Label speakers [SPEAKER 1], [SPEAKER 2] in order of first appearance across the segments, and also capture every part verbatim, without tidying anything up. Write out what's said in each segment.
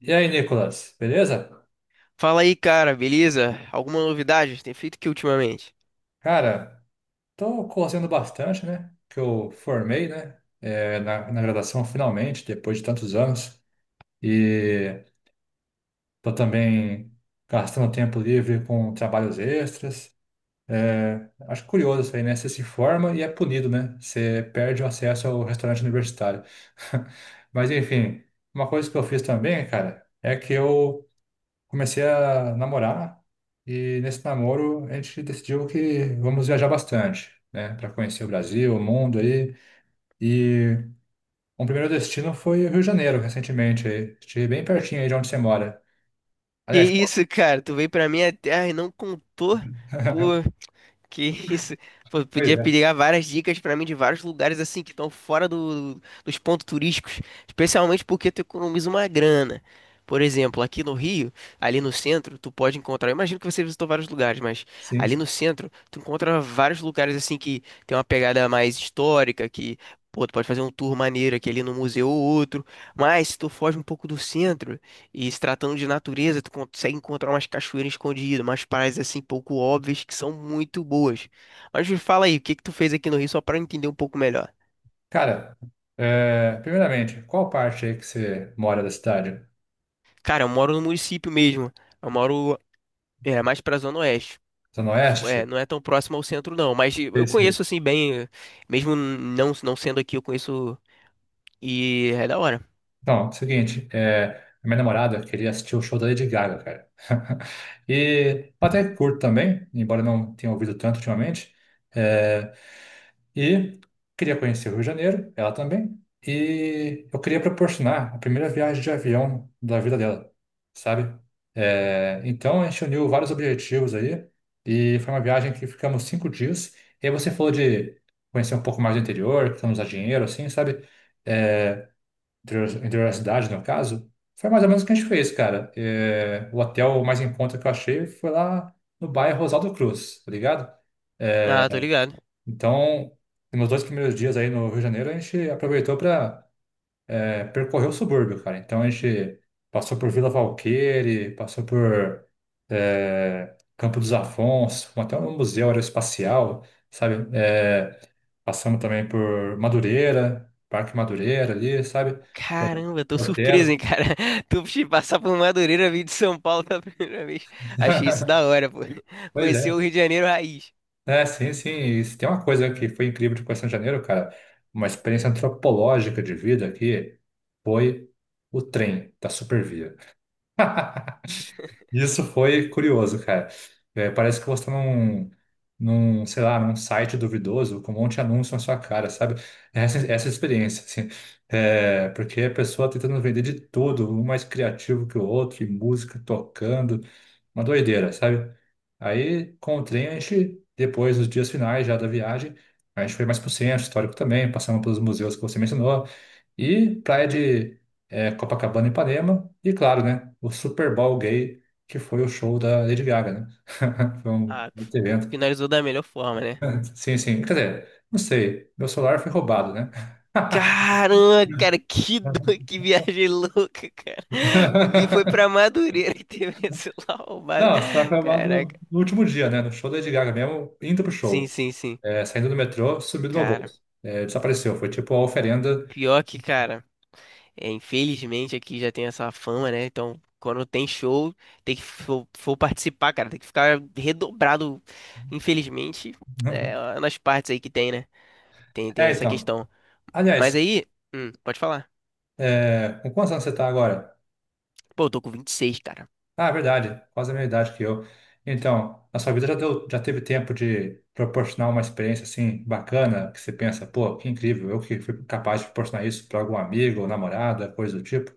[SPEAKER 1] E aí, Nicolas, beleza?
[SPEAKER 2] Fala aí, cara, beleza? Alguma novidade? Tem feito o que ultimamente?
[SPEAKER 1] Cara, tô correndo bastante, né? Que eu formei, né? É, na, na graduação, finalmente, depois de tantos anos. E tô também gastando tempo livre com trabalhos extras. É, acho curioso isso aí, né? Você se forma e é punido, né? Você perde o acesso ao restaurante universitário. Mas, enfim, uma coisa que eu fiz também, cara, é que eu comecei a namorar e nesse namoro a gente decidiu que vamos viajar bastante, né, para conhecer o Brasil, o mundo aí. E um primeiro destino foi o Rio de Janeiro, recentemente, aí. Estive bem pertinho aí de onde você mora.
[SPEAKER 2] Que
[SPEAKER 1] Aliás, qual-
[SPEAKER 2] isso, cara? Tu veio pra minha terra e não contou? Pô, que isso. Pô,
[SPEAKER 1] pois
[SPEAKER 2] podia
[SPEAKER 1] é,
[SPEAKER 2] pegar várias dicas pra mim de vários lugares assim que estão fora do- dos pontos turísticos, especialmente porque tu economiza uma grana. Por exemplo, aqui no Rio, ali no centro, tu pode encontrar. Eu imagino que você visitou vários lugares, mas
[SPEAKER 1] sim.
[SPEAKER 2] ali
[SPEAKER 1] Sim.
[SPEAKER 2] no centro, tu encontra vários lugares assim que tem uma pegada mais histórica, que, pô, tu pode fazer um tour maneiro aqui ali no museu ou outro. Mas se tu foge um pouco do centro, e se tratando de natureza, tu consegue encontrar umas cachoeiras escondidas, umas praias assim pouco óbvias que são muito boas. Mas me fala aí, o que que tu fez aqui no Rio só para eu entender um pouco melhor?
[SPEAKER 1] Cara, é, primeiramente, qual parte aí que você mora da cidade?
[SPEAKER 2] Cara, eu moro no município mesmo. Eu moro, é, mais pra Zona Oeste.
[SPEAKER 1] Zona
[SPEAKER 2] F- É,
[SPEAKER 1] Oeste?
[SPEAKER 2] não é tão próximo ao centro não, mas eu conheço assim bem, mesmo não não sendo aqui, eu conheço e é da hora.
[SPEAKER 1] Então, seguinte, é, a minha namorada queria assistir o show da Lady Gaga, cara. E eu até curto também, embora não tenha ouvido tanto ultimamente. É, e queria conhecer o Rio de Janeiro, ela também. E eu queria proporcionar a primeira viagem de avião da vida dela, sabe? É, então a gente uniu vários objetivos aí. E foi uma viagem que ficamos cinco dias. E aí você falou de conhecer um pouco mais do interior, que não usar dinheiro, assim, sabe? É, interior da cidade, no caso, foi mais ou menos o que a gente fez, cara. É, o hotel mais em conta que eu achei foi lá no bairro Rosaldo Cruz, tá ligado?
[SPEAKER 2] Ah, tô ligado.
[SPEAKER 1] Então, nos dois primeiros dias aí no Rio de Janeiro, a gente aproveitou para percorrer o subúrbio, cara. Então, a gente passou por Vila Valqueire, passou por é, Campo dos Afonsos, fomos até um museu aeroespacial, sabe? É, passamos também por Madureira, Parque Madureira ali, sabe?
[SPEAKER 2] Caramba, tô surpreso,
[SPEAKER 1] Portela.
[SPEAKER 2] hein, cara. Tu te passar por Madureira, vir de São Paulo pela primeira vez. Achei isso da hora, pô.
[SPEAKER 1] Pois
[SPEAKER 2] Conheceu o
[SPEAKER 1] é.
[SPEAKER 2] Rio de Janeiro raiz.
[SPEAKER 1] É, sim, sim. E se tem uma coisa que foi incrível de Coração de Janeiro, cara, uma experiência antropológica de vida aqui, foi o trem da Supervia. Isso foi curioso, cara. É, parece que você tá num, num, sei lá, num site duvidoso com um monte de anúncio na sua cara, sabe? É Essa, é essa experiência, assim. É, porque a pessoa tentando vender de tudo, um mais criativo que o outro, e música tocando. Uma doideira, sabe? Aí, com o trem, a gente, depois, nos dias finais já da viagem, a gente foi mais pro centro histórico também, passamos pelos museus que você mencionou, e praia de eh, Copacabana e Ipanema, e claro, né, o Super Bowl gay, que foi o show da Lady Gaga, né? Foi um
[SPEAKER 2] Ah,
[SPEAKER 1] outro evento.
[SPEAKER 2] finalizou da melhor forma, né?
[SPEAKER 1] Sim, sim, quer dizer, não sei, meu celular foi roubado, né?
[SPEAKER 2] Caramba, cara, que, do... que viagem louca, cara. Vi foi pra Madureira e teve esse lá roubado.
[SPEAKER 1] Não, só foi roubado
[SPEAKER 2] Caraca.
[SPEAKER 1] no, no último dia, né, no show da Lady Gaga mesmo, indo pro
[SPEAKER 2] Sim,
[SPEAKER 1] show.
[SPEAKER 2] sim, sim.
[SPEAKER 1] É, saindo do metrô, subiu do meu
[SPEAKER 2] Cara,
[SPEAKER 1] bolso. É, desapareceu. Foi tipo a oferenda.
[SPEAKER 2] pior que, cara. É, infelizmente aqui já tem essa fama, né? Então, quando tem show, tem que for, for participar, cara, tem que ficar redobrado. Infelizmente, é, nas partes aí que tem, né? Tem, tem
[SPEAKER 1] É,
[SPEAKER 2] essa
[SPEAKER 1] então.
[SPEAKER 2] questão. Mas
[SPEAKER 1] Aliás,
[SPEAKER 2] aí, hum, pode falar.
[SPEAKER 1] é, com quantos anos você está agora?
[SPEAKER 2] Pô, eu tô com vinte e seis cara.
[SPEAKER 1] Ah, é verdade. Quase a mesma idade que eu. Então, na sua vida já deu, já teve tempo de proporcionar uma experiência assim bacana, que você pensa, pô, que incrível, eu que fui capaz de proporcionar isso para algum amigo ou namorada, coisa do tipo.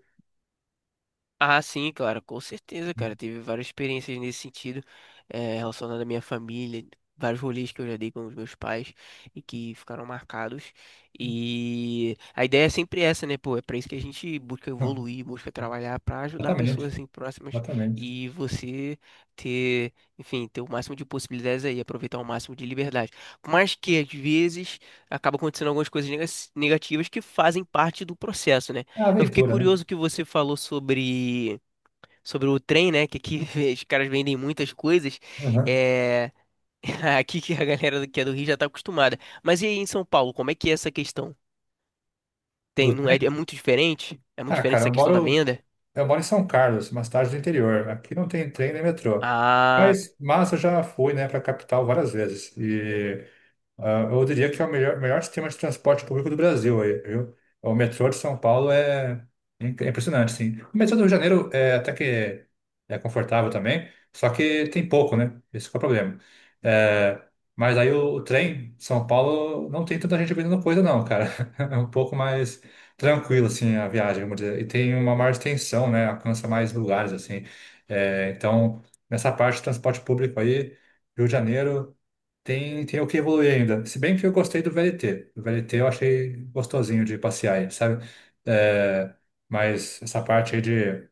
[SPEAKER 2] Ah, sim, claro, com certeza, cara. Tive várias experiências nesse sentido, eh, relacionado à minha família, vários rolês que eu já dei com os meus pais e que ficaram marcados. E a ideia é sempre essa, né, pô? É pra isso que a gente busca
[SPEAKER 1] Hum,
[SPEAKER 2] evoluir, busca trabalhar pra ajudar
[SPEAKER 1] exatamente,
[SPEAKER 2] pessoas assim próximas.
[SPEAKER 1] exatamente.
[SPEAKER 2] E você ter, enfim, ter o máximo de possibilidades aí, aproveitar o máximo de liberdade. Mas que às vezes acaba acontecendo algumas coisas nega- negativas que fazem parte do processo, né?
[SPEAKER 1] É uma
[SPEAKER 2] Eu fiquei
[SPEAKER 1] aventura, né?
[SPEAKER 2] curioso que você falou sobre, sobre o trem, né? Que aqui os caras vendem muitas coisas.
[SPEAKER 1] Aham.
[SPEAKER 2] É... Aqui que a galera que é do Rio já tá acostumada. Mas e aí em São Paulo, como é que é essa questão? Tem,
[SPEAKER 1] Do
[SPEAKER 2] não é, é
[SPEAKER 1] trem?
[SPEAKER 2] muito diferente? É muito
[SPEAKER 1] Ah,
[SPEAKER 2] diferente
[SPEAKER 1] cara,
[SPEAKER 2] essa
[SPEAKER 1] eu
[SPEAKER 2] questão da
[SPEAKER 1] moro,
[SPEAKER 2] venda?
[SPEAKER 1] eu moro em São Carlos, uma cidade do interior. Aqui não tem trem nem metrô.
[SPEAKER 2] Ah,
[SPEAKER 1] Mas, mas eu já fui, né, para a capital várias vezes. E ah, eu diria que é o melhor, melhor sistema de transporte público do Brasil aí, viu? O metrô de São Paulo é im- é impressionante, sim. O metrô do Rio de Janeiro é até que é confortável também, só que tem pouco, né? Esse que é o problema. É, mas aí o, o trem de São Paulo não tem tanta gente vendendo coisa, não, cara. É um pouco mais tranquilo, assim, a viagem, vamos dizer. E tem uma maior extensão, né? Alcança mais lugares, assim. É, então, nessa parte de transporte público aí, Rio de Janeiro. Tem, tem o que evoluir ainda. Se bem que eu gostei do V L T. O V L T eu achei gostosinho de passear, aí, sabe? É, mas essa parte aí de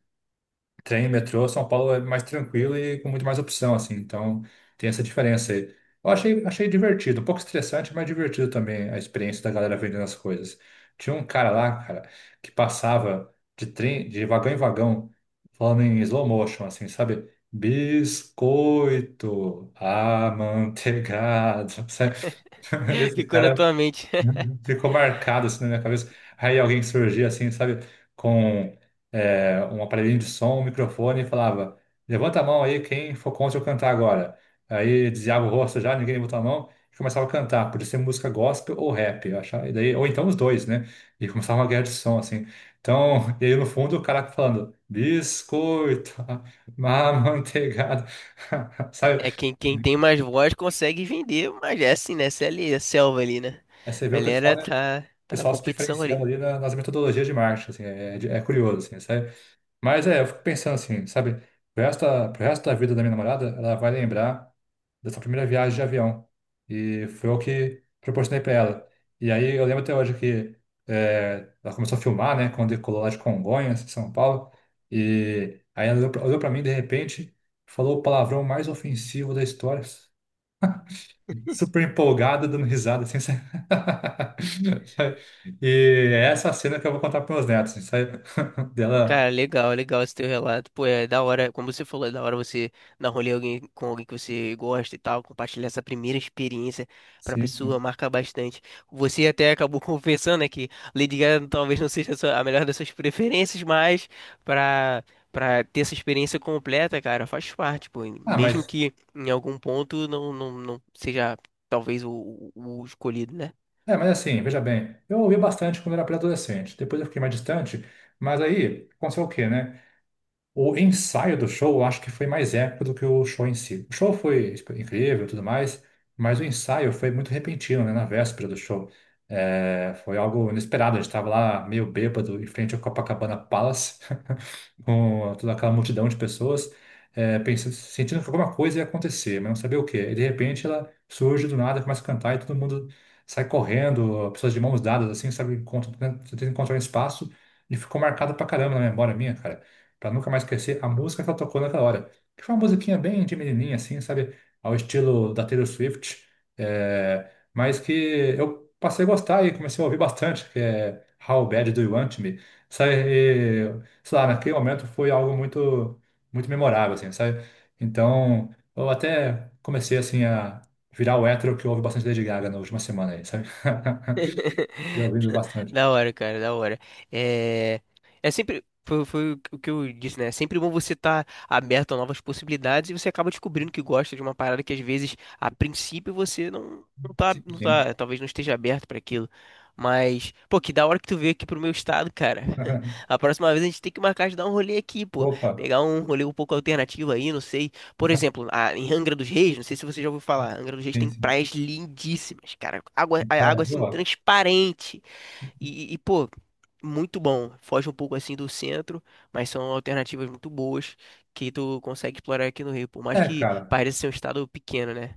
[SPEAKER 1] trem, metrô, São Paulo é mais tranquilo e com muito mais opção, assim. Então, tem essa diferença aí. Eu achei, achei divertido, um pouco estressante, mas divertido também a experiência da galera vendendo as coisas. Tinha um cara lá, cara, que passava de trem, de vagão em vagão, falando em slow motion, assim, sabe? Biscoito amanteigado, sabe? Esse
[SPEAKER 2] ficou na
[SPEAKER 1] cara
[SPEAKER 2] tua mente.
[SPEAKER 1] ficou marcado assim na minha cabeça. Aí alguém surgia assim, sabe, com é, um aparelhinho de som, um microfone e falava: "Levanta a mão aí, quem for contra eu cantar agora." Aí desviava o rosto já, ninguém levantou a mão e começava a cantar. Podia ser música gospel ou rap, eu achava, e daí, ou então os dois, né? E começava uma guerra de som assim. Então, e aí no fundo o cara falando: "Biscoito, má manteigada", sabe?
[SPEAKER 2] É quem, quem tem mais voz consegue vender, mas é assim, né? Essa é ali, a selva ali, né?
[SPEAKER 1] Aí você vê
[SPEAKER 2] A
[SPEAKER 1] o pessoal,
[SPEAKER 2] galera
[SPEAKER 1] né?
[SPEAKER 2] tá, tá na
[SPEAKER 1] Pessoal se
[SPEAKER 2] competição
[SPEAKER 1] diferenciando
[SPEAKER 2] ali.
[SPEAKER 1] ali na- nas metodologias de marketing, assim, é, de- é curioso, assim, sabe? Mas é, eu fico pensando assim, sabe? Pro resto, da- pro resto da vida da minha namorada, ela vai lembrar dessa primeira viagem de avião. E foi o que proporcionei para ela. E aí eu lembro até hoje que é, ela começou a filmar, né? Quando decolou lá de Congonhas, em São Paulo. E aí ela olhou para mim de repente, falou o palavrão mais ofensivo da história, super empolgada dando risada, assim, sabe? E é essa cena que eu vou contar para meus netos, assim, sabe? Dela,
[SPEAKER 2] Cara, legal, legal esse teu relato. Pô, é da hora, como você falou, é da hora você dar rolê alguém, com alguém que você gosta e tal, compartilhar essa primeira experiência pra
[SPEAKER 1] sim.
[SPEAKER 2] pessoa,
[SPEAKER 1] Sim.
[SPEAKER 2] marca bastante. Você até acabou confessando, né, que Lady Gaga talvez não seja a sua- a melhor das suas preferências, mas pra, pra ter essa experiência completa, cara, faz parte, pô.
[SPEAKER 1] Ah,
[SPEAKER 2] Mesmo
[SPEAKER 1] mas,
[SPEAKER 2] que em algum ponto não, não, não seja talvez o, o o escolhido, né?
[SPEAKER 1] é, mas assim, veja bem, eu ouvi bastante quando era pré-adolescente, depois eu fiquei mais distante, mas aí, aconteceu o quê, né? O ensaio do show, eu acho que foi mais épico do que o show em si. O show foi incrível e tudo mais, mas o ensaio foi muito repentino, né, na véspera do show. É, foi algo inesperado, a gente estava lá meio bêbado em frente ao Copacabana Palace, com toda aquela multidão de pessoas, é, pensando, sentindo que alguma coisa ia acontecer, mas não sabia o quê. E de repente ela surge do nada, começa a cantar e todo mundo sai correndo, pessoas de mãos dadas, assim, sabe, encontram- tentando encontrar um espaço e ficou marcado pra caramba na memória minha, cara, pra nunca mais esquecer a música que ela tocou naquela hora, que foi uma musiquinha bem de menininha, assim, sabe, ao estilo da Taylor Swift, é, mas que eu passei a gostar e comecei a ouvir bastante, que é "How Bad Do You Want Me?" Sabe, sei lá, naquele momento foi algo muito, muito memorável, assim, sabe? Então, eu até comecei, assim, a virar o hétero que ouve bastante Lady Gaga na última semana aí, sabe? Tinha ouvido bastante.
[SPEAKER 2] Da hora, cara, da hora. É, é sempre. Foi, foi o que eu disse, né? É sempre bom você estar aberto a novas possibilidades e você acaba descobrindo que gosta de uma parada que às vezes, a princípio, você não, não tá,
[SPEAKER 1] Sim,
[SPEAKER 2] não
[SPEAKER 1] sim.
[SPEAKER 2] tá, talvez não esteja aberto para aquilo. Mas, pô, que da hora que tu veio aqui pro meu estado, cara. A próxima vez a gente tem que marcar de dar um rolê aqui, pô.
[SPEAKER 1] Opa,
[SPEAKER 2] Pegar um rolê um pouco alternativo aí, não sei. Por exemplo, a- em Angra dos Reis, não sei se você já ouviu falar, Angra dos Reis
[SPEAKER 1] sim,
[SPEAKER 2] tem
[SPEAKER 1] sim.
[SPEAKER 2] praias lindíssimas, cara. Água, a
[SPEAKER 1] Tá,
[SPEAKER 2] água assim
[SPEAKER 1] boa.
[SPEAKER 2] transparente. E, e, pô, muito bom. Foge um pouco assim do centro, mas são alternativas muito boas que tu consegue explorar aqui no Rio. Por mais
[SPEAKER 1] É,
[SPEAKER 2] que
[SPEAKER 1] cara.
[SPEAKER 2] pareça ser um estado pequeno, né?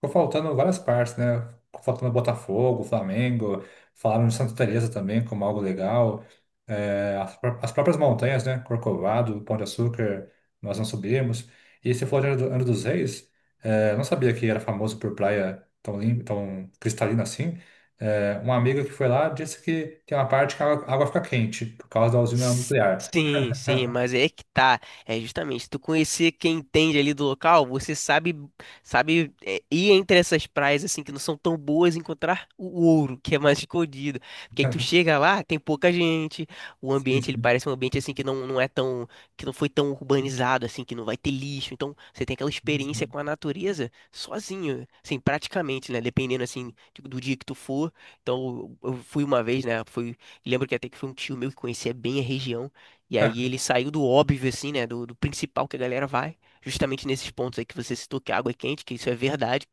[SPEAKER 1] Ficou faltando várias partes, né? Ficou faltando Botafogo, Flamengo, falaram de Santa Teresa também como algo legal. É, as, pró- as próprias montanhas, né? Corcovado, Pão de Açúcar, nós não subimos. E você falou de Angra do- Angra dos Reis, é, eu não sabia que era famoso por praia tão limpa, tão cristalina assim. É, uma amiga que foi lá disse que tem uma parte que a água fica quente por causa da usina
[SPEAKER 2] S-
[SPEAKER 1] nuclear.
[SPEAKER 2] Sim, sim, mas é que tá. É justamente, tu conhecer quem entende ali do local, você sabe, sabe é, ir entre essas praias assim que não são tão boas e encontrar o ouro, que é mais escondido. Porque aí tu chega lá, tem pouca gente, o
[SPEAKER 1] Sim,
[SPEAKER 2] ambiente ele
[SPEAKER 1] sim,
[SPEAKER 2] parece um ambiente assim que não, não é tão, que não foi tão urbanizado assim, que não vai ter lixo. Então, você tem aquela experiência
[SPEAKER 1] sim.
[SPEAKER 2] com a natureza sozinho, assim, praticamente, né, dependendo assim do dia que tu for. Então, eu eu fui uma vez, né? Fui. Lembro que até que foi um tio meu que conhecia bem a região. E aí ele saiu do óbvio, assim, né? Do, do principal que a galera vai. Justamente nesses pontos aí que você citou, que a água é quente, que isso é verdade,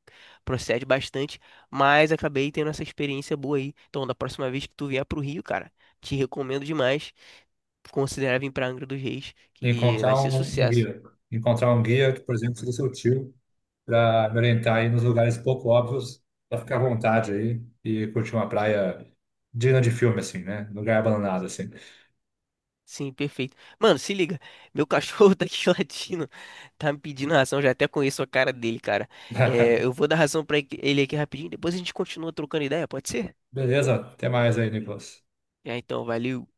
[SPEAKER 2] procede bastante. Mas acabei tendo essa experiência boa aí. Então, da próxima vez que tu vier pro Rio, cara, te recomendo demais considerar vir pra Angra dos Reis, que
[SPEAKER 1] Encontrar
[SPEAKER 2] vai ser
[SPEAKER 1] um, um
[SPEAKER 2] sucesso.
[SPEAKER 1] guia. Encontrar um guia que, por exemplo, seja seu tio, para me orientar aí nos lugares pouco óbvios, para ficar à vontade aí e curtir uma praia digna de filme, assim, né? Lugar abandonado, assim.
[SPEAKER 2] Sim, perfeito. Mano, se liga. Meu cachorro tá aqui latindo. Tá me pedindo ração. Já até conheço a cara dele, cara. É, eu vou dar ração pra ele aqui rapidinho. Depois a gente continua trocando ideia, pode ser?
[SPEAKER 1] Beleza? Até mais aí, Nicolas.
[SPEAKER 2] Já então, valeu.